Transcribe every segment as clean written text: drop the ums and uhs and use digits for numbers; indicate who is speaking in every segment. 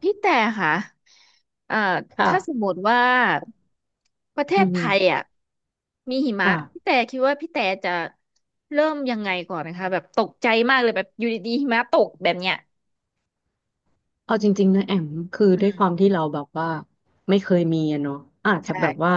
Speaker 1: พี่แต่ค่ะเอ่อ
Speaker 2: ค่ะ
Speaker 1: ถ้าสมมติว่าประเท
Speaker 2: อื
Speaker 1: ศไทย
Speaker 2: ม
Speaker 1: อ่ะมีหิมะ
Speaker 2: ค่ะ
Speaker 1: พี่แต่คิดว่าพี่แต่จะเริ่มยังไงก่อนนะคะแบบตกใจมากเลยแบบอยู่ดีๆหิมะตกแบบเนี้ย
Speaker 2: เอาจริงๆนะแอมคือ
Speaker 1: อื
Speaker 2: ด้วย
Speaker 1: ม
Speaker 2: ความที่เราแบบว่าไม่เคยมีอะเนาะอาจจะแบบว่า
Speaker 1: ใช่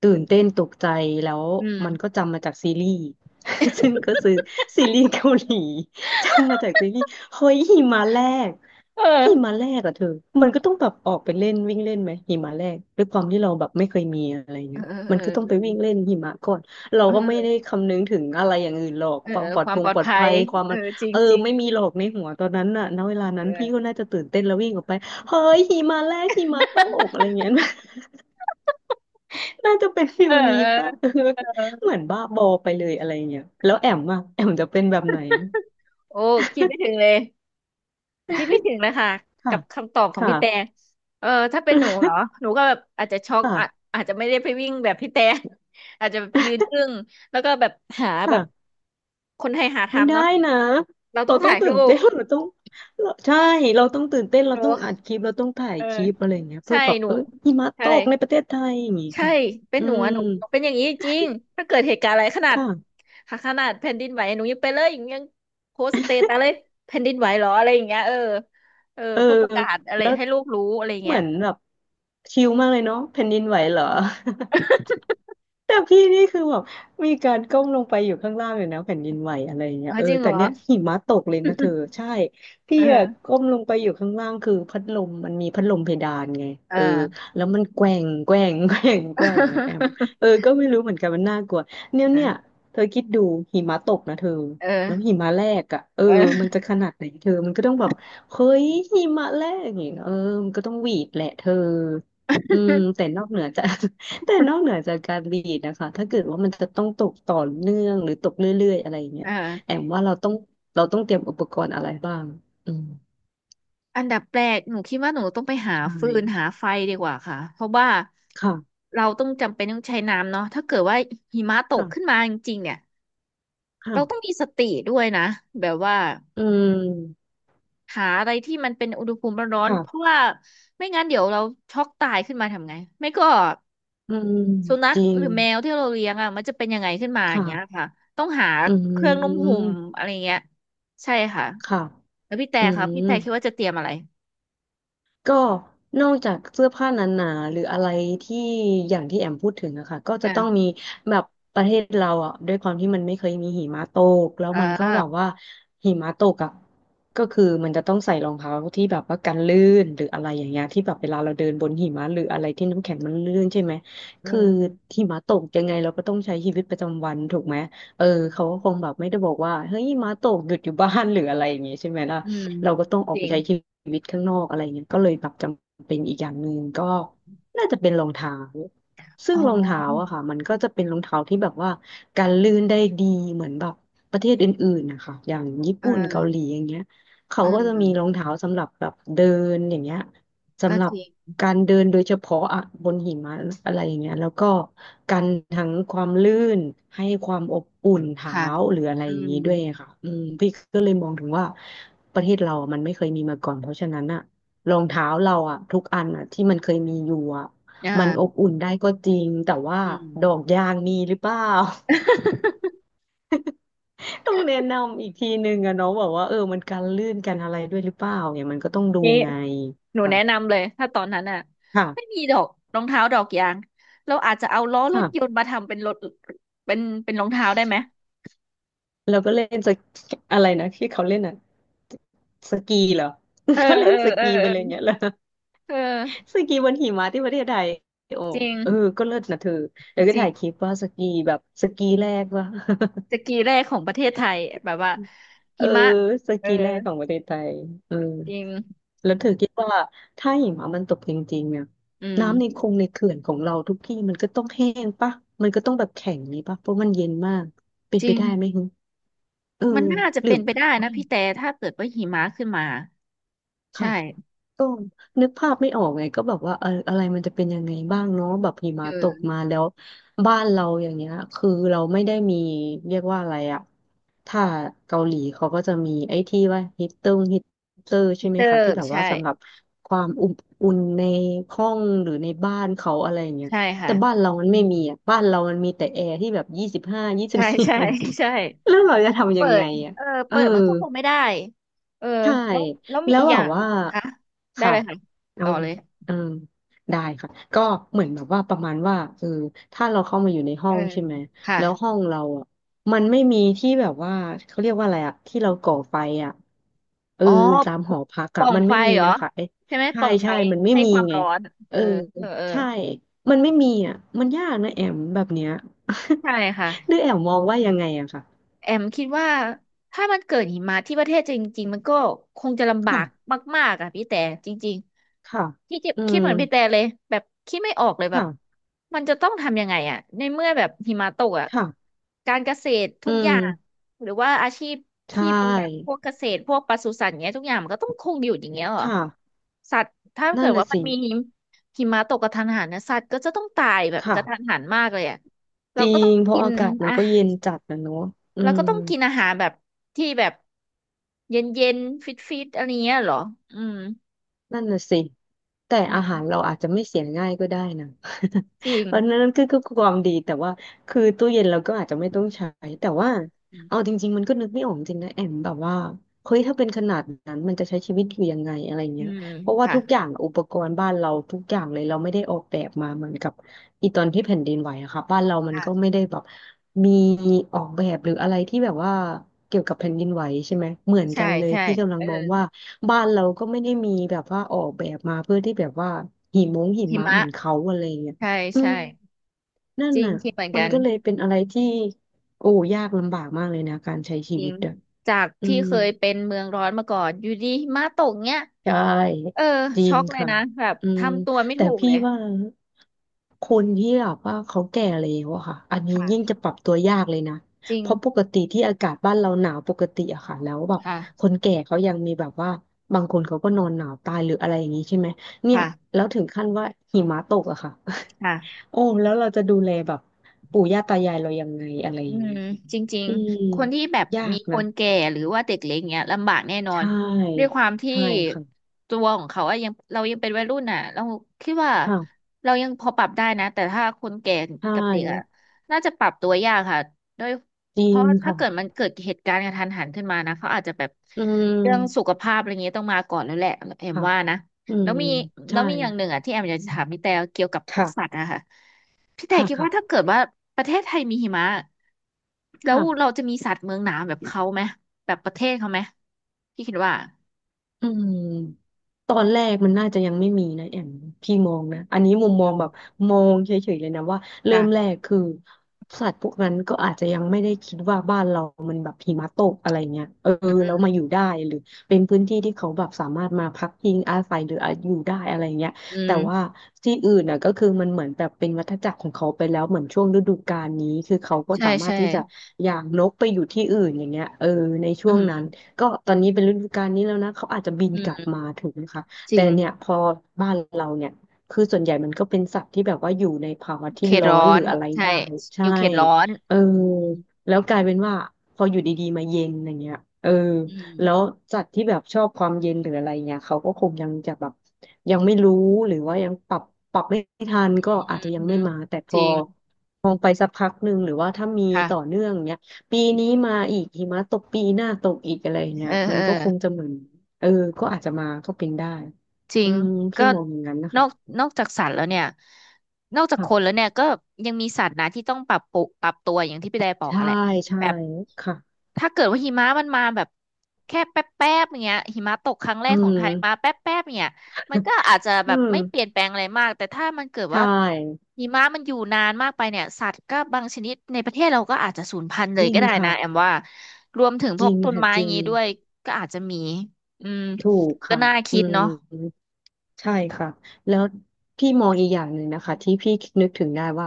Speaker 2: ตื่นเต้นตกใจแล้ว
Speaker 1: อื
Speaker 2: มันก็
Speaker 1: ม
Speaker 2: จำมาจากซีรีส์ ซึ่งก็คือซีรีส์เกาหลี จำมาจากซีรีส์เฮ้ยหิมะแรก
Speaker 1: เอ
Speaker 2: หิ
Speaker 1: อ
Speaker 2: มะแรกอะเธอมันก็ต้องแบบออกไปเล่นวิ่งเล่นไหมหิมะแรกด้วยความที่เราแบบไม่เคยมีอะไร
Speaker 1: เออ
Speaker 2: เงี้ย
Speaker 1: เออ
Speaker 2: มั
Speaker 1: เอ
Speaker 2: นก็ต้องไปวิ่ง
Speaker 1: อ
Speaker 2: เล่นหิมะก่อนเรา
Speaker 1: เ
Speaker 2: ก็ไม่ได้
Speaker 1: ออ
Speaker 2: คำนึงถึงอะไรอย่างอื่นหรอก
Speaker 1: เอ
Speaker 2: ค
Speaker 1: อ
Speaker 2: วา
Speaker 1: เอ
Speaker 2: ม
Speaker 1: อความปลอ
Speaker 2: ป
Speaker 1: ด
Speaker 2: ลอด
Speaker 1: ภั
Speaker 2: ภั
Speaker 1: ย
Speaker 2: ยความ
Speaker 1: เออจริง
Speaker 2: เออ
Speaker 1: จริง
Speaker 2: ไม่มีหรอกในหัวตอนนั้นน่ะณเวลา
Speaker 1: เอ
Speaker 2: นั้นพี่
Speaker 1: อ
Speaker 2: ก็น่าจะตื่นเต้นแล้ววิ่งออกไปเฮ้ยหิมะแรกหิมะตกอะไรเงี้ย น่าจะเป็นฟิ
Speaker 1: เอ
Speaker 2: ล
Speaker 1: อ
Speaker 2: นี้
Speaker 1: เออ
Speaker 2: ป่ะ เออ
Speaker 1: เออ
Speaker 2: เหมือนบ้าบอไปเลยอะไรเงี้ยแล้วแอมอะแอมจะเป็นแบบไหน
Speaker 1: โอ้คิดไม่ถึงเลย คิดไม่ถึงเลยค่ะ
Speaker 2: ค่ะ
Speaker 1: กับคำตอบของ
Speaker 2: ค่ะ
Speaker 1: พี่แต่เออถ้าเป็นหนูเหรอหนูก็แบบอาจจะช็อกอ่ะ
Speaker 2: ค่ะ
Speaker 1: อาจจะไม่ได้ไปวิ่งแบบพี่แต่ อาจจะแบบยืนอึ้งแล้วก็แบบหาแบบ
Speaker 2: ค่ะ
Speaker 1: คนให้หา
Speaker 2: ไม่
Speaker 1: ทำ
Speaker 2: ได้
Speaker 1: เนาะ
Speaker 2: นะ
Speaker 1: เราต้
Speaker 2: เรา
Speaker 1: อง
Speaker 2: ต้อ
Speaker 1: ถ่า
Speaker 2: ง
Speaker 1: ย
Speaker 2: ตื่
Speaker 1: รู
Speaker 2: นเต้
Speaker 1: ป
Speaker 2: น เราต้องเราใช่เราต้องตื่นเต้น
Speaker 1: ห
Speaker 2: เรา
Speaker 1: นู
Speaker 2: ต้องอัดคลิปเราต้องถ่าย
Speaker 1: เออ
Speaker 2: คลิปอะไรอย่างเงี้ย
Speaker 1: ใช่
Speaker 2: เพื่อแบบ
Speaker 1: หนู
Speaker 2: เออหิมะต
Speaker 1: ใช่
Speaker 2: กในประเทศไทยอย่างงี้
Speaker 1: ใช่
Speaker 2: ค่ะ
Speaker 1: เป็น
Speaker 2: อื
Speaker 1: หนูอะ
Speaker 2: ม
Speaker 1: หนูเป็นอย่างนี้จริงถ้าเกิดเหตุการณ์อะไรขนาด
Speaker 2: ค่ะ
Speaker 1: ค่ะขนาดแผ่นดินไหวหนูยังไปเลยยังโพสต์สเตตัสเลยแผ่นดินไหวเหรออะไรอย่างเงี้ยเออเออ
Speaker 2: เออ
Speaker 1: เพื่อประกาศอะไร
Speaker 2: แล้ว
Speaker 1: ให้โลกรู้อะไรอย่าง
Speaker 2: เหมื
Speaker 1: เงี้ย
Speaker 2: อนแบบชิลมากเลยเนาะแผ่นดินไหวเหรอ แต่พี่นี่คือแบบมีการก้มลงไปอยู่ข้างล่างอยู่นะแผ่นดินไหวอะไรอย่างเงี้
Speaker 1: อ๋
Speaker 2: ย
Speaker 1: อ
Speaker 2: เออ
Speaker 1: จริงเหร
Speaker 2: แต่
Speaker 1: อ
Speaker 2: เนี่ยหิมะตกเลยนะเธอ ใช่พี่
Speaker 1: เออ
Speaker 2: อะก้มลงไปอยู่ข้างล่างคือพัดลมมันมีพัดลมเพดานไง
Speaker 1: เอ
Speaker 2: เออ
Speaker 1: อ
Speaker 2: แล้วมันแกว่งแกว่งแกว่งแกว่งอะแอมเออ ก็ไม่รู้เหมือนกันมันน่ากลัวเนี่ยเนี่ย
Speaker 1: เออ
Speaker 2: เธอคิดดูหิมะตกนะเธอ
Speaker 1: เออ
Speaker 2: แล้วหิมะแรกอะเออ
Speaker 1: เ
Speaker 2: มัน
Speaker 1: ออ
Speaker 2: จะขนาดไหนเธอมันก็ต้องแบบเฮ้ยหิมะแรกอย่างเงี้ยเออมันก็ต้องหวีดแหละเธออืมแต่ นอกเหนือจาก แต่นอกเหนือจากการบีดนะคะถ้าเกิดว่ามันจะต้องตกต่อเนื่องหรือตกเรื่อยๆอะไรอย่างเงี้
Speaker 1: เอ
Speaker 2: ยแอ
Speaker 1: อ
Speaker 2: มว่าเราต้องเตรียมอุปกรณ์อะไรบ้างอืม
Speaker 1: อันดับแรกหนูคิดว่าหนูต้องไปหา
Speaker 2: ใช่
Speaker 1: ฟืนหาไฟดีกว่าค่ะเพราะว่า
Speaker 2: ค่ะ
Speaker 1: เราต้องจำเป็นต้องใช้น้ำเนาะถ้าเกิดว่าหิมะตกขึ้น
Speaker 2: ค่ะ
Speaker 1: มาจริงๆเนี่ยเราต้อง
Speaker 2: ค่ะ
Speaker 1: มีสติด้วยนะแบบว่า
Speaker 2: อืม
Speaker 1: หาอะไรที่มันเป็นอุณหภูมิร้อนๆเพราะ
Speaker 2: ค่ะ
Speaker 1: ว่าไม่งั้นเดี๋ยวเราช็อกตายขึ้นมาทำไงไม่ก็
Speaker 2: อืม
Speaker 1: สุนัข
Speaker 2: จริง
Speaker 1: หรือแมวที่เราเลี้ยงอ่ะมันจะเป็นยังไงขึ้นมาอย่างเงี้ย
Speaker 2: ค่ะ
Speaker 1: ค่ะต้องหา
Speaker 2: อื
Speaker 1: เครื่องนุ่มห่ม
Speaker 2: ม
Speaker 1: อะไรเงี้ยใช่ค่ะ
Speaker 2: ค่ะ
Speaker 1: แล้วพี่แต่
Speaker 2: อื
Speaker 1: ครับพี่
Speaker 2: ม
Speaker 1: แต่คิดว่าจะเตรียมอะไร
Speaker 2: ก็นอกจากเสื้อผ้าหนาๆหรืออะไรที่อย่างที่แอมพูดถึงอะค่ะก็จะต้องมี
Speaker 1: อ่า
Speaker 2: แบบประเทศเราอะด้วยความที่มันไม่เคยมีหิมะตกแล้ว
Speaker 1: อ่
Speaker 2: มันก็แบบ
Speaker 1: า
Speaker 2: ว่าหิมะตกอะก็คือมันจะต้องใส่รองเท้าที่แบบว่ากันลื่นหรืออะไรอย่างเงี้ยที่แบบเวลาเราเดินบนหิมะหรืออะไรที่น้ำแข็งมันลื่นใช่ไหม
Speaker 1: อื
Speaker 2: คือ
Speaker 1: ม
Speaker 2: หิมะตกยังไงเราก็ต้องใช้ชีวิตประจำวันถูกไหมเออเขาก็คงแบบไม่ได้บอกว่าเฮ้ยหิมะตกหยุดอยู่บ้านหรืออะไรอย่างเงี้ยใช่ไหมล่ะ
Speaker 1: อืม
Speaker 2: เราก็ต้องออ
Speaker 1: จ
Speaker 2: ก
Speaker 1: ริ
Speaker 2: ไป
Speaker 1: ง
Speaker 2: ใช้ชีวิตข้างนอกอะไรเงี้ยก็เลยแบบจำเป็นอีกอย่างหนึ่งก็น่าจะเป็นรองเท้าซึ่
Speaker 1: อ๋
Speaker 2: ง
Speaker 1: อ
Speaker 2: รองเท้าอะค่ะมันก็จะเป็นรองเท้าที่แบบว่าการลื่นได้ดีเหมือนแบบประเทศอื่นๆนะคะอย่างญี่
Speaker 1: เอ
Speaker 2: ปุ่นเกาหลี
Speaker 1: อ
Speaker 2: อย่างเงี้ยเขา
Speaker 1: เอ
Speaker 2: ก็จะมีรอง
Speaker 1: อ
Speaker 2: เท้าสำหรับแบบเดินอย่างเงี้ย
Speaker 1: ก็
Speaker 2: สำหรั
Speaker 1: จ
Speaker 2: บ
Speaker 1: ริง
Speaker 2: การเดินโดยเฉพาะอะบนหิมะอะไรอย่างเงี้ยแล้วก็กันทั้งความลื่นให้ความอบอุ่นเท้า
Speaker 1: ค่ะ
Speaker 2: หรืออะไร
Speaker 1: อื
Speaker 2: อย่างงี้
Speaker 1: ม
Speaker 2: ด้วยค่ะอืมพี่ก็เลยมองถึงว่าประเทศเราอะมันไม่เคยมีมาก่อนเพราะฉะนั้นอะรองเท้าเราอะทุกอันอะที่มันเคยมีอยู่อะ
Speaker 1: อ
Speaker 2: มันอบ
Speaker 1: ่า
Speaker 2: อุ่นได้ก็จริงแต่ว่า
Speaker 1: อืม
Speaker 2: ดอกยางมีหรือเปล่า ต้องแนะนำอีกทีนึงอะเนาะบอกว่าเออมันกันลื่นกันอะไรด้วยหรือเปล่าเนี่ยมันก็ต้องดู
Speaker 1: นี่
Speaker 2: ไง
Speaker 1: หนู
Speaker 2: ค่ะ
Speaker 1: แนะนำเลยถ้าตอนนั้นอ่ะไม่
Speaker 2: ค
Speaker 1: มีดอกรองเท้าดอกยางเราอาจจะเอาล้อรถย
Speaker 2: ่ะ
Speaker 1: นต์มาทำเป็นรถเป็นรองเท้าได้ไหม
Speaker 2: แล้วก็เล่นสกอะไรนะที่เขาเล่นอ่ะสกีเหรอ
Speaker 1: เออ
Speaker 2: เขา
Speaker 1: เอ
Speaker 2: เล่น
Speaker 1: อ
Speaker 2: ส
Speaker 1: เออ
Speaker 2: กี
Speaker 1: เอ
Speaker 2: ไปเลยอย่างเงี้ย
Speaker 1: อ
Speaker 2: เหรอ
Speaker 1: เออ
Speaker 2: สกีบนหิมะที่ประเทศไทยโอ้
Speaker 1: จริง
Speaker 2: เออก็เลิศนะเธอแล้วก็
Speaker 1: จริ
Speaker 2: ถ่า
Speaker 1: ง
Speaker 2: ยคลิปว่าสกีแบบสกีแรกว่า
Speaker 1: สกีแรกของประเทศไทยแบบว่า
Speaker 2: เอ
Speaker 1: หิ
Speaker 2: อ
Speaker 1: มะ
Speaker 2: ส
Speaker 1: เออ
Speaker 2: กีแรกของประเทศไทยเออ
Speaker 1: จริง
Speaker 2: แล้วเธอคิดว่าถ้าหิมะมันตกจริงๆเนี่ย
Speaker 1: อืม
Speaker 2: น้ำในคงในเขื่อนของเราทุกที่มันก็ต้องแห้งปะมันก็ต้องแบบแข็งนี้ปะเพราะมันเย็นมากเป็น
Speaker 1: จ
Speaker 2: ไป
Speaker 1: ริง
Speaker 2: ได้ไหมฮึเออ
Speaker 1: มันน่าจะ
Speaker 2: หรือ
Speaker 1: เป็นไปได้
Speaker 2: อุ๊
Speaker 1: นะ
Speaker 2: ย
Speaker 1: พี่แต่ถ้าเกิดว่าหิมะขึ้นมา
Speaker 2: ค่ะ
Speaker 1: ใช่
Speaker 2: ก็นึกภาพไม่ออกไงก็แบบว่าอะไรมันจะเป็นยังไงบ้างเนาะแบบหิมะ
Speaker 1: เอ
Speaker 2: ตก
Speaker 1: อ
Speaker 2: มาแล้วบ้านเราอย่างเงี้ยคือเราไม่ได้มีเรียกว่าอะไรอะถ้าเกาหลีเขาก็จะมีไอ้ที่ว่าฮีตเตอร์
Speaker 1: พี
Speaker 2: ใช่ไห
Speaker 1: เต
Speaker 2: ม
Speaker 1: อ
Speaker 2: คะ
Speaker 1: ร์
Speaker 2: ที่แบบ
Speaker 1: ใช่
Speaker 2: ว่าสำหรับความอุ่นในห้องหรือในบ้านเขาอะไรอย่างเงี้ย
Speaker 1: ใช่
Speaker 2: แต่
Speaker 1: ค่ะ
Speaker 2: บ้านเรามันไม่มีอะบ้านเรามันมีแต่แอร์ที่แบบยี่สิบห้ายี่สิ
Speaker 1: ใช่
Speaker 2: บสี่
Speaker 1: ใช่
Speaker 2: องศา
Speaker 1: ใช่
Speaker 2: แล้วเราจะทำยั
Speaker 1: เปิ
Speaker 2: งไง
Speaker 1: ด
Speaker 2: อะ
Speaker 1: เออ
Speaker 2: เออ
Speaker 1: เปิดมันก็คงไม่ได้เออ
Speaker 2: ใช่
Speaker 1: แล้วแล้วมี
Speaker 2: แล้
Speaker 1: อี
Speaker 2: ว
Speaker 1: กอ
Speaker 2: แบ
Speaker 1: ย่า
Speaker 2: บ
Speaker 1: ง
Speaker 2: ว่า
Speaker 1: ค่ะได้
Speaker 2: ค่ะ
Speaker 1: เลยค่ะ
Speaker 2: เอา
Speaker 1: ต่อ
Speaker 2: เล
Speaker 1: เล
Speaker 2: ย
Speaker 1: ย
Speaker 2: เออได้ค่ะก็เหมือนแบบว่าประมาณว่าเออถ้าเราเข้ามาอยู่ในห้
Speaker 1: เอ
Speaker 2: อ
Speaker 1: อ
Speaker 2: งใช่ไหม
Speaker 1: ค่ะ
Speaker 2: แล้วห้องเราอ่ะมันไม่มีที่แบบว่าเขาเรียกว่าอะไรอ่ะที่เราก่อไฟอ่ะเออ
Speaker 1: อ๋อ
Speaker 2: ตามหอพัก
Speaker 1: ปล่
Speaker 2: อ่ะ
Speaker 1: อง
Speaker 2: มัน
Speaker 1: ไฟ
Speaker 2: ไม่มี
Speaker 1: เหรอ
Speaker 2: นะคะเอ๊ะ
Speaker 1: ใช่ไหม
Speaker 2: ใช่
Speaker 1: ปล่องไฟ
Speaker 2: ใช่มันไม่
Speaker 1: ให้
Speaker 2: มี
Speaker 1: ความ
Speaker 2: ไง
Speaker 1: ร้อนเอ
Speaker 2: เอ
Speaker 1: อ
Speaker 2: อ
Speaker 1: เออเออ
Speaker 2: ใช่มันไม่มีอ่ะมันยากนะแอมแบบเนี้ย
Speaker 1: ใช่ค่ะ
Speaker 2: หรือแอมมองว่ายังไงอะค่ะ
Speaker 1: แอมคิดว่าถ้ามันเกิดหิมะที่ประเทศจริงๆมันก็คงจะลำบาก
Speaker 2: ค่ะ
Speaker 1: มากๆอ่ะพี่แต่จริง
Speaker 2: ค่ะ
Speaker 1: ๆคิด
Speaker 2: อื
Speaker 1: คิด
Speaker 2: ม
Speaker 1: เหมือนพี่แต่เลยแบบคิดไม่ออกเลยแบบ
Speaker 2: ค่ะ
Speaker 1: มันจะต้องทำยังไงอ่ะในเมื่อแบบหิมะตกอ่ะ
Speaker 2: ค่ะ
Speaker 1: การเกษตร
Speaker 2: อื
Speaker 1: ทุกอ
Speaker 2: ม
Speaker 1: ย่างหรือว่าอาชีพ
Speaker 2: ใช
Speaker 1: ที่เป็นแบบพ
Speaker 2: ่
Speaker 1: วกเกษตรพวกปศุสัตว์เงี้ยทุกอย่างมันก็ต้องคงอยู่อย่างเงี้ยเหรอ
Speaker 2: ค่ะ
Speaker 1: สัตว์ถ้าเกิ
Speaker 2: นั่น
Speaker 1: ดว่า
Speaker 2: น่ะ
Speaker 1: มัน
Speaker 2: สิ
Speaker 1: มีหิมะตกกระทันหันนะสัตว์ก็จะต้องตายแบบกระทัน
Speaker 2: ค่ะ
Speaker 1: หันมากเลยอ่ะ
Speaker 2: จ
Speaker 1: เรา
Speaker 2: ริ
Speaker 1: ก็ต้อ
Speaker 2: ง
Speaker 1: ง
Speaker 2: เพราะ
Speaker 1: กิน
Speaker 2: อากาศมัน
Speaker 1: อ่ะ
Speaker 2: ก็เย็นจัดนะเนอะอื
Speaker 1: แล้ว
Speaker 2: ม
Speaker 1: ก็ต้องกินอาหารแบบที่แบบเย็นเย็นฟิตฟิตๆอะไรเงี้ยเหรอ อืม
Speaker 2: นั่นน่ะสิแต่
Speaker 1: อื
Speaker 2: อาหาร
Speaker 1: ม
Speaker 2: เราอาจจะไม่เสียง่ายก็ได้นะ
Speaker 1: จริง
Speaker 2: เพราะนั้นคือความดีแต่ว่าคือตู้เย็นเราก็อาจจะไม่ต้องใช้แต่ว่า
Speaker 1: อืม
Speaker 2: เอาจริงๆมันก็นึกไม่ออกจริงนะแอมแบบว่าเฮ้ยถ้าเป็นขนาดนั้นมันจะใช้ชีวิตอยู่ยังไงอะไร
Speaker 1: อื
Speaker 2: เงี้ย
Speaker 1: ม
Speaker 2: เพราะว่า
Speaker 1: ค่ะ
Speaker 2: ทุกอย่างอุปกรณ์บ้านเราทุกอย่างเลยเราไม่ได้ออกแบบมาเหมือนกับอีตอนที่แผ่นดินไหวอะค่ะบ้านเรามันก็
Speaker 1: ค่ะ
Speaker 2: ไม่ได้แบบมีออกแบบหรืออะไรที่แบบว่าเกี่ยวกับแผ่นดินไหวใช่ไหมเหมือน
Speaker 1: ใช่
Speaker 2: กันเลย
Speaker 1: ใช่
Speaker 2: พี่กำลั
Speaker 1: เอ
Speaker 2: ง
Speaker 1: อ
Speaker 2: มองว่า บ้านเราก็ไม่ได้มีแบบว่าออกแบบมาเพื่อที่แบบว่าหิ
Speaker 1: หิ
Speaker 2: มะ
Speaker 1: มะ
Speaker 2: เหมือนเขาอะไรอย่างเงี้ย
Speaker 1: ใช่
Speaker 2: อื
Speaker 1: ใช่
Speaker 2: มนั่น
Speaker 1: จริง
Speaker 2: น่ะ
Speaker 1: คิดเหมือน
Speaker 2: มั
Speaker 1: กั
Speaker 2: น
Speaker 1: น
Speaker 2: ก็เลยเป็นอะไรที่โอ้ยากลำบากมากเลยนะการใช้ชี
Speaker 1: จริ
Speaker 2: วิ
Speaker 1: ง
Speaker 2: ตอ่ะ
Speaker 1: จาก
Speaker 2: อื
Speaker 1: ที่
Speaker 2: ม
Speaker 1: เคยเป็นเมืองร้อนมาก่อน อยู่ดีหิมะตกเนี้ย
Speaker 2: ใช่
Speaker 1: เออ
Speaker 2: จริ
Speaker 1: ช็
Speaker 2: ง
Speaker 1: อกเลย
Speaker 2: ค่ะ
Speaker 1: นะ แบบ
Speaker 2: อืม
Speaker 1: ทำตัวไม่
Speaker 2: แต่
Speaker 1: ถูกเล
Speaker 2: พี่
Speaker 1: ย
Speaker 2: ว่าคนที่แบบว่าเขาแก่แล้วอะค่ะอันนี้ยิ่งจะ
Speaker 1: ค่ะ
Speaker 2: ปรับตัวยากเลยนะ
Speaker 1: จริง
Speaker 2: เพราะปกติที่อากาศบ้านเราหนาวปกติอะค่ะแล้วแบบค
Speaker 1: ค่ะ
Speaker 2: นแก่เขายังมีแบบว่าบางคนเขาก็นอนหนาวตายหรืออะไรอย่างนี้ใช่ไหมเนี่ย
Speaker 1: ค่ะ
Speaker 2: แล้วถึงขั้นว่าหิมะตกอะค่ะ
Speaker 1: ค่ะ
Speaker 2: โอ้แล้วเราจะดูแลแบบปู่ย่าตายายเรายังไงอะไร
Speaker 1: อื
Speaker 2: อย่าง
Speaker 1: ม
Speaker 2: เงี้ยค่ะ
Speaker 1: จริง
Speaker 2: อืม
Speaker 1: ๆคนที่แบบ
Speaker 2: ยา
Speaker 1: มี
Speaker 2: ก
Speaker 1: ค
Speaker 2: นะ
Speaker 1: นแก่หรือว่าเด็กเล็กเนี้ยลำบากแน่นอน
Speaker 2: ใช่
Speaker 1: ด้วยความที่
Speaker 2: ใช่ค่ะ
Speaker 1: ตัวของเขาอะยังเรายังเป็นวัยรุ่นอ่ะเราคิดว่า
Speaker 2: ค่ะ
Speaker 1: เรายังพอปรับได้นะแต่ถ้าคนแก่
Speaker 2: ใช่
Speaker 1: กับเด็กอ่ะน่าจะปรับตัวยากค่ะด้วย
Speaker 2: จริ
Speaker 1: เพ
Speaker 2: ง
Speaker 1: ราะถ้า
Speaker 2: ค่ะ
Speaker 1: เกิดมันเกิดเหตุการณ์กระทันหันขึ้นมานะเขาอาจจะแบบ
Speaker 2: อื
Speaker 1: เรื่องสุ
Speaker 2: ม
Speaker 1: ขภาพอะไรเงี้ยต้องมาก่อนแล้วแหละแอม
Speaker 2: ค่ะ
Speaker 1: ว่านะ
Speaker 2: อื
Speaker 1: แล้
Speaker 2: ม
Speaker 1: วมีแล้
Speaker 2: ใช่
Speaker 1: วมีอย่างหนึ่งอ่ะที่แอมอยากจะถามพี่แต่เกี่ยวกับพวกสัตว์
Speaker 2: ค่ะ
Speaker 1: อะค่ะ พี่แต่
Speaker 2: ค่ะ
Speaker 1: คิด
Speaker 2: ค่ะ
Speaker 1: ว่าถ้าเกิดว่าประเทศไทยมีหิมะแล้ว
Speaker 2: ค่ะ
Speaker 1: เราจะมีสัตว์เมืองหนามแบบเขาไหมแบบประเทศเขาไหมพี่คิดว่า
Speaker 2: อืมตอนแรกมันน่าจะยังไม่มีนะแอมพี่มองนะอันนี้มุมมอง
Speaker 1: อื
Speaker 2: แบบ
Speaker 1: ม
Speaker 2: มองเฉยๆเลยนะว่าเริ่
Speaker 1: ค่ะ
Speaker 2: มแรกคือสัตว์พวกนั้นก็อาจจะยังไม่ได้คิดว่าบ้านเรามันแบบหิมะตกอะไรเงี้ยเออแล้วมาอยู่ได้หรือเป็นพื้นที่ที่เขาแบบสามารถมาพักพิงอาศัยหรืออาจอยู่ได้อะไรเงี้ย
Speaker 1: อื
Speaker 2: แต่ว่า
Speaker 1: ม
Speaker 2: ที่อื่นน่ะก็คือมันเหมือนแบบเป็นวัฏจักรของเขาไปแล้วเหมือนช่วงฤดูกาลนี้คือเขาก็
Speaker 1: ใช่
Speaker 2: สามารถ
Speaker 1: ใช่
Speaker 2: ที่จะย้ายนกไปอยู่ที่อื่นอย่างเงี้ยเออใน
Speaker 1: อื
Speaker 2: ช่วงนั้น
Speaker 1: ม
Speaker 2: ก็ตอนนี้เป็นฤดูกาลนี้แล้วนะเขาอาจจะบิน
Speaker 1: อื
Speaker 2: กลับ
Speaker 1: ม
Speaker 2: มาถึงนะคะ
Speaker 1: จริ
Speaker 2: แต่
Speaker 1: ง
Speaker 2: เนี่ยพอบ้านเราเนี่ยคือส่วนใหญ่มันก็เป็นสัตว์ที่แบบว่าอยู่ในภาวะ
Speaker 1: เข
Speaker 2: ที่
Speaker 1: ต
Speaker 2: ร้อ
Speaker 1: ร้
Speaker 2: น
Speaker 1: อ
Speaker 2: หรื
Speaker 1: น
Speaker 2: ออะไร
Speaker 1: ใช่
Speaker 2: ได้
Speaker 1: อ
Speaker 2: ใช่
Speaker 1: ยู่เขตร้อน
Speaker 2: เออแล้วกลายเป็นว่าพออยู่ดีๆมาเย็นอย่างเงี้ยเออ
Speaker 1: อืม
Speaker 2: แล้วสัตว์ที่แบบชอบความเย็นหรืออะไรเงี้ยเขาก็คงยังจะแบบยังไม่รู้หรือว่ายังปรับไม่ทัน
Speaker 1: อื
Speaker 2: ก็
Speaker 1: มอื
Speaker 2: อาจจะยังไม่
Speaker 1: ม
Speaker 2: มาแต่พ
Speaker 1: จ
Speaker 2: อ
Speaker 1: ริง
Speaker 2: ไปสักพักหนึ่งหรือว่าถ้ามีต่อ
Speaker 1: ค่ะ
Speaker 2: เนื่องเนี้ยปีนี้มาอีกหิมะตกปีหน้าตกอีกอะไรเงี้
Speaker 1: เอ
Speaker 2: ย
Speaker 1: อ
Speaker 2: มั
Speaker 1: เอ
Speaker 2: น
Speaker 1: อ
Speaker 2: ก็คงจะเหมือนเออก็อาจจะมาก็เป็นได้
Speaker 1: จริ
Speaker 2: อื
Speaker 1: ง
Speaker 2: มพี่
Speaker 1: ก็
Speaker 2: มองอย่างนั้นนะ
Speaker 1: นอ
Speaker 2: คะ
Speaker 1: กนอกจากสัตว์แล้วเนี่ยนอกจากคนแล้ว
Speaker 2: ค่ะ
Speaker 1: เนี่ยก็ยังมีสัตว์นะที่ต้องปรับตัวอย่างที่พี่ไดบอก
Speaker 2: ใช่
Speaker 1: กันแหละ
Speaker 2: ใช่
Speaker 1: แบบ
Speaker 2: ค่ะ
Speaker 1: ถ้าเกิดว่าหิมะมันมาแบบแค่แป๊บแป๊บอย่างเงี้ยหิมะตกครั้งแร
Speaker 2: อื
Speaker 1: กของไทยมา
Speaker 2: ม
Speaker 1: แป๊บแป๊บเนี่ยมันก็อาจจะแบ
Speaker 2: อื
Speaker 1: บ
Speaker 2: ม
Speaker 1: ไม่เปลี่ยนแปลงอะไรมากแต่ถ้ามันเกิด
Speaker 2: ใช่
Speaker 1: ว่าหิมะมันอยู่นานมากไปเนี่ยสัตว์ก็บางชนิดในประเทศเราก็อาจจะสูญพันธุ์เล
Speaker 2: จ
Speaker 1: ย
Speaker 2: ริง
Speaker 1: ก็ได้
Speaker 2: ค่ะ
Speaker 1: นะแอมว่ารวมถึงพ
Speaker 2: จ
Speaker 1: ว
Speaker 2: ริ
Speaker 1: ก
Speaker 2: ง
Speaker 1: ต้น
Speaker 2: ค่ะ
Speaker 1: ไม้
Speaker 2: จ
Speaker 1: อย่า
Speaker 2: ริ
Speaker 1: ง
Speaker 2: ง
Speaker 1: งี้ด้วยก็อาจจะมีอืม
Speaker 2: ถูก
Speaker 1: ก็
Speaker 2: ค่ะ
Speaker 1: น่า
Speaker 2: อื
Speaker 1: คิดเนาะ
Speaker 2: ม ใช่ค่ะแล้วพี่มองอีกอย่างหนึ่งนะคะที่พี่นึกถึงได้ว่า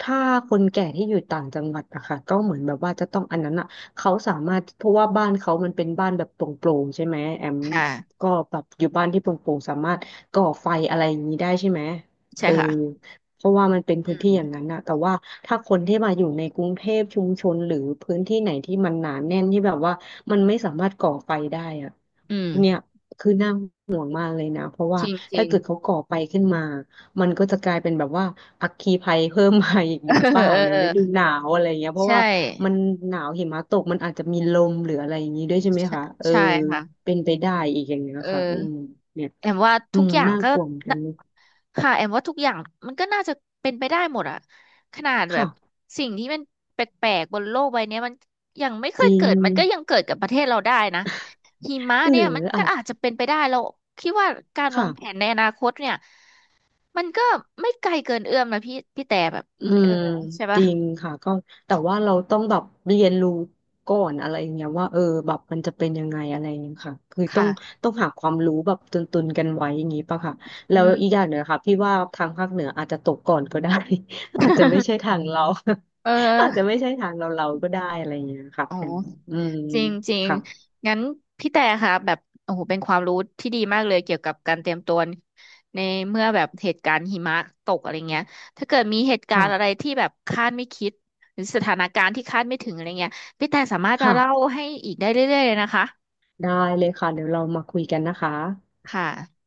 Speaker 2: ถ้าคนแก่ที่อยู่ต่างจังหวัดอะค่ะก็เหมือนแบบว่าจะต้องอันนั้นอะเขาสามารถเพราะว่าบ้านเขามันเป็นบ้านแบบโปร่งๆใช่ไหมแอม
Speaker 1: ค่ะ
Speaker 2: ก็แบบอยู่บ้านที่โปร่งๆสามารถก่อไฟอะไรอย่างนี้ได้ใช่ไหม
Speaker 1: ใช่
Speaker 2: เออ
Speaker 1: ค่ะ
Speaker 2: เพราะว่ามันเป็น
Speaker 1: อื
Speaker 2: พื้น
Speaker 1: ม
Speaker 2: ที่อย่างนั้นนะแต่ว่าถ้าคนที่มาอยู่ในกรุงเทพชุมชนหรือพื้นที่ไหนที่มันหนาแน่นที่แบบว่ามันไม่สามารถก่อไฟได้อะ
Speaker 1: อืม
Speaker 2: เนี่ยคือนั่ง บ้านเลยนะเพราะ
Speaker 1: จ
Speaker 2: ว่า
Speaker 1: ริงจริ
Speaker 2: ถ้า
Speaker 1: ง
Speaker 2: เกิดเขาก่อไปขึ้นมามันก็จะกลายเป็นแบบว่าอัคคีภัยเพิ่มมาอีก
Speaker 1: เอ
Speaker 2: หรื
Speaker 1: อ
Speaker 2: อเปล่า
Speaker 1: เอ
Speaker 2: ในฤดู
Speaker 1: อ
Speaker 2: หนาวอะไรเงี้ยเพราะ
Speaker 1: ใช่
Speaker 2: ว่ามันหนาวหิมะตกมันอาจจะมีลมหรืออะไรอย่างนี้ด้วยใช่ไหม
Speaker 1: ใช่
Speaker 2: คะเออ
Speaker 1: ใช่ค่ะ
Speaker 2: เป็นไปได้อีกอย่างเงี้ย
Speaker 1: เอ
Speaker 2: ค่ะ
Speaker 1: อ
Speaker 2: อืมเนี่ย
Speaker 1: แอมว่า
Speaker 2: อื
Speaker 1: ทุก
Speaker 2: ม
Speaker 1: อย่าง
Speaker 2: น่า
Speaker 1: ก็
Speaker 2: กลัวเหมือนกั
Speaker 1: น่ะ
Speaker 2: น
Speaker 1: ค่ะแอมว่าทุกอย่างมันก็น่าจะเป็นไปได้หมดอะขนาดแบ
Speaker 2: ค่ะ
Speaker 1: บสิ่งที่มันแปลกๆบนโลกใบเนี้ยมันยังไม่เค
Speaker 2: จ
Speaker 1: ย
Speaker 2: ริ
Speaker 1: เกิ
Speaker 2: ง
Speaker 1: ดมันก็ยังเกิดกับประเทศเราได้นะหิมะ
Speaker 2: หรื
Speaker 1: เนี่ย
Speaker 2: อ
Speaker 1: มันก็
Speaker 2: อาจ
Speaker 1: อาจจะเป็นไปได้เราคิดว่าการวางแผ
Speaker 2: ค่ะ
Speaker 1: นในอนาคตเนี่ยมันก็ไม่ไกลเกินเอื้อมนะพี่แต่แบบ
Speaker 2: อื
Speaker 1: เออ
Speaker 2: ม
Speaker 1: ใช่
Speaker 2: จ
Speaker 1: ปะ
Speaker 2: ริงค่ะก็แต่ว่าเราต้องแบบเรียนรู้ก่อนอะไรอย่างเงี้ยว่าเออแบบมันจะเป็นยังไงอะไรอย่างเงี้ยค่ะคือต้อง
Speaker 1: ค่ะ
Speaker 2: ต้องหาความรู้แบบตุนกันไว้อย่างงี้ป่ะค่ะ
Speaker 1: อื
Speaker 2: แล้วอีก
Speaker 1: ม
Speaker 2: อย่างหนึ่งค่ะพี่ว่าทางภาคเหนืออาจจะตกก่อนก็ได้ อาจจะไม่ใช่ทางเรา
Speaker 1: เอ
Speaker 2: อาจจะ
Speaker 1: อ
Speaker 2: ไม่ใช่ทางเราก็ได้อะไรอย่างเงี้ยค่ะ
Speaker 1: อ๋อ
Speaker 2: อืม
Speaker 1: จริงจริง
Speaker 2: ค่ะ
Speaker 1: งั้นพี่แต่ค่ะแบบโอ้โหเป็นความรู้ที่ดีมากเลยเกี่ยวกับการเตรียมตัวในเมื่อแบบเหตุการณ์หิมะตกอะไรเงี้ยถ้าเกิดมีเหตุการณ์อะไร
Speaker 2: ค่ะ
Speaker 1: ที่แบบคาดไม่คิดหรือสถานการณ์ที่คาดไม่ถึงอะไรเงี้ยพี่แต่สามารถมา
Speaker 2: ค่ะ
Speaker 1: เล่าให้อีกได้เรื่อยๆเลยนะคะ
Speaker 2: ได้เลยค่ะเดี๋ยวเรามาคุยกันนะคะ
Speaker 1: ค่ะ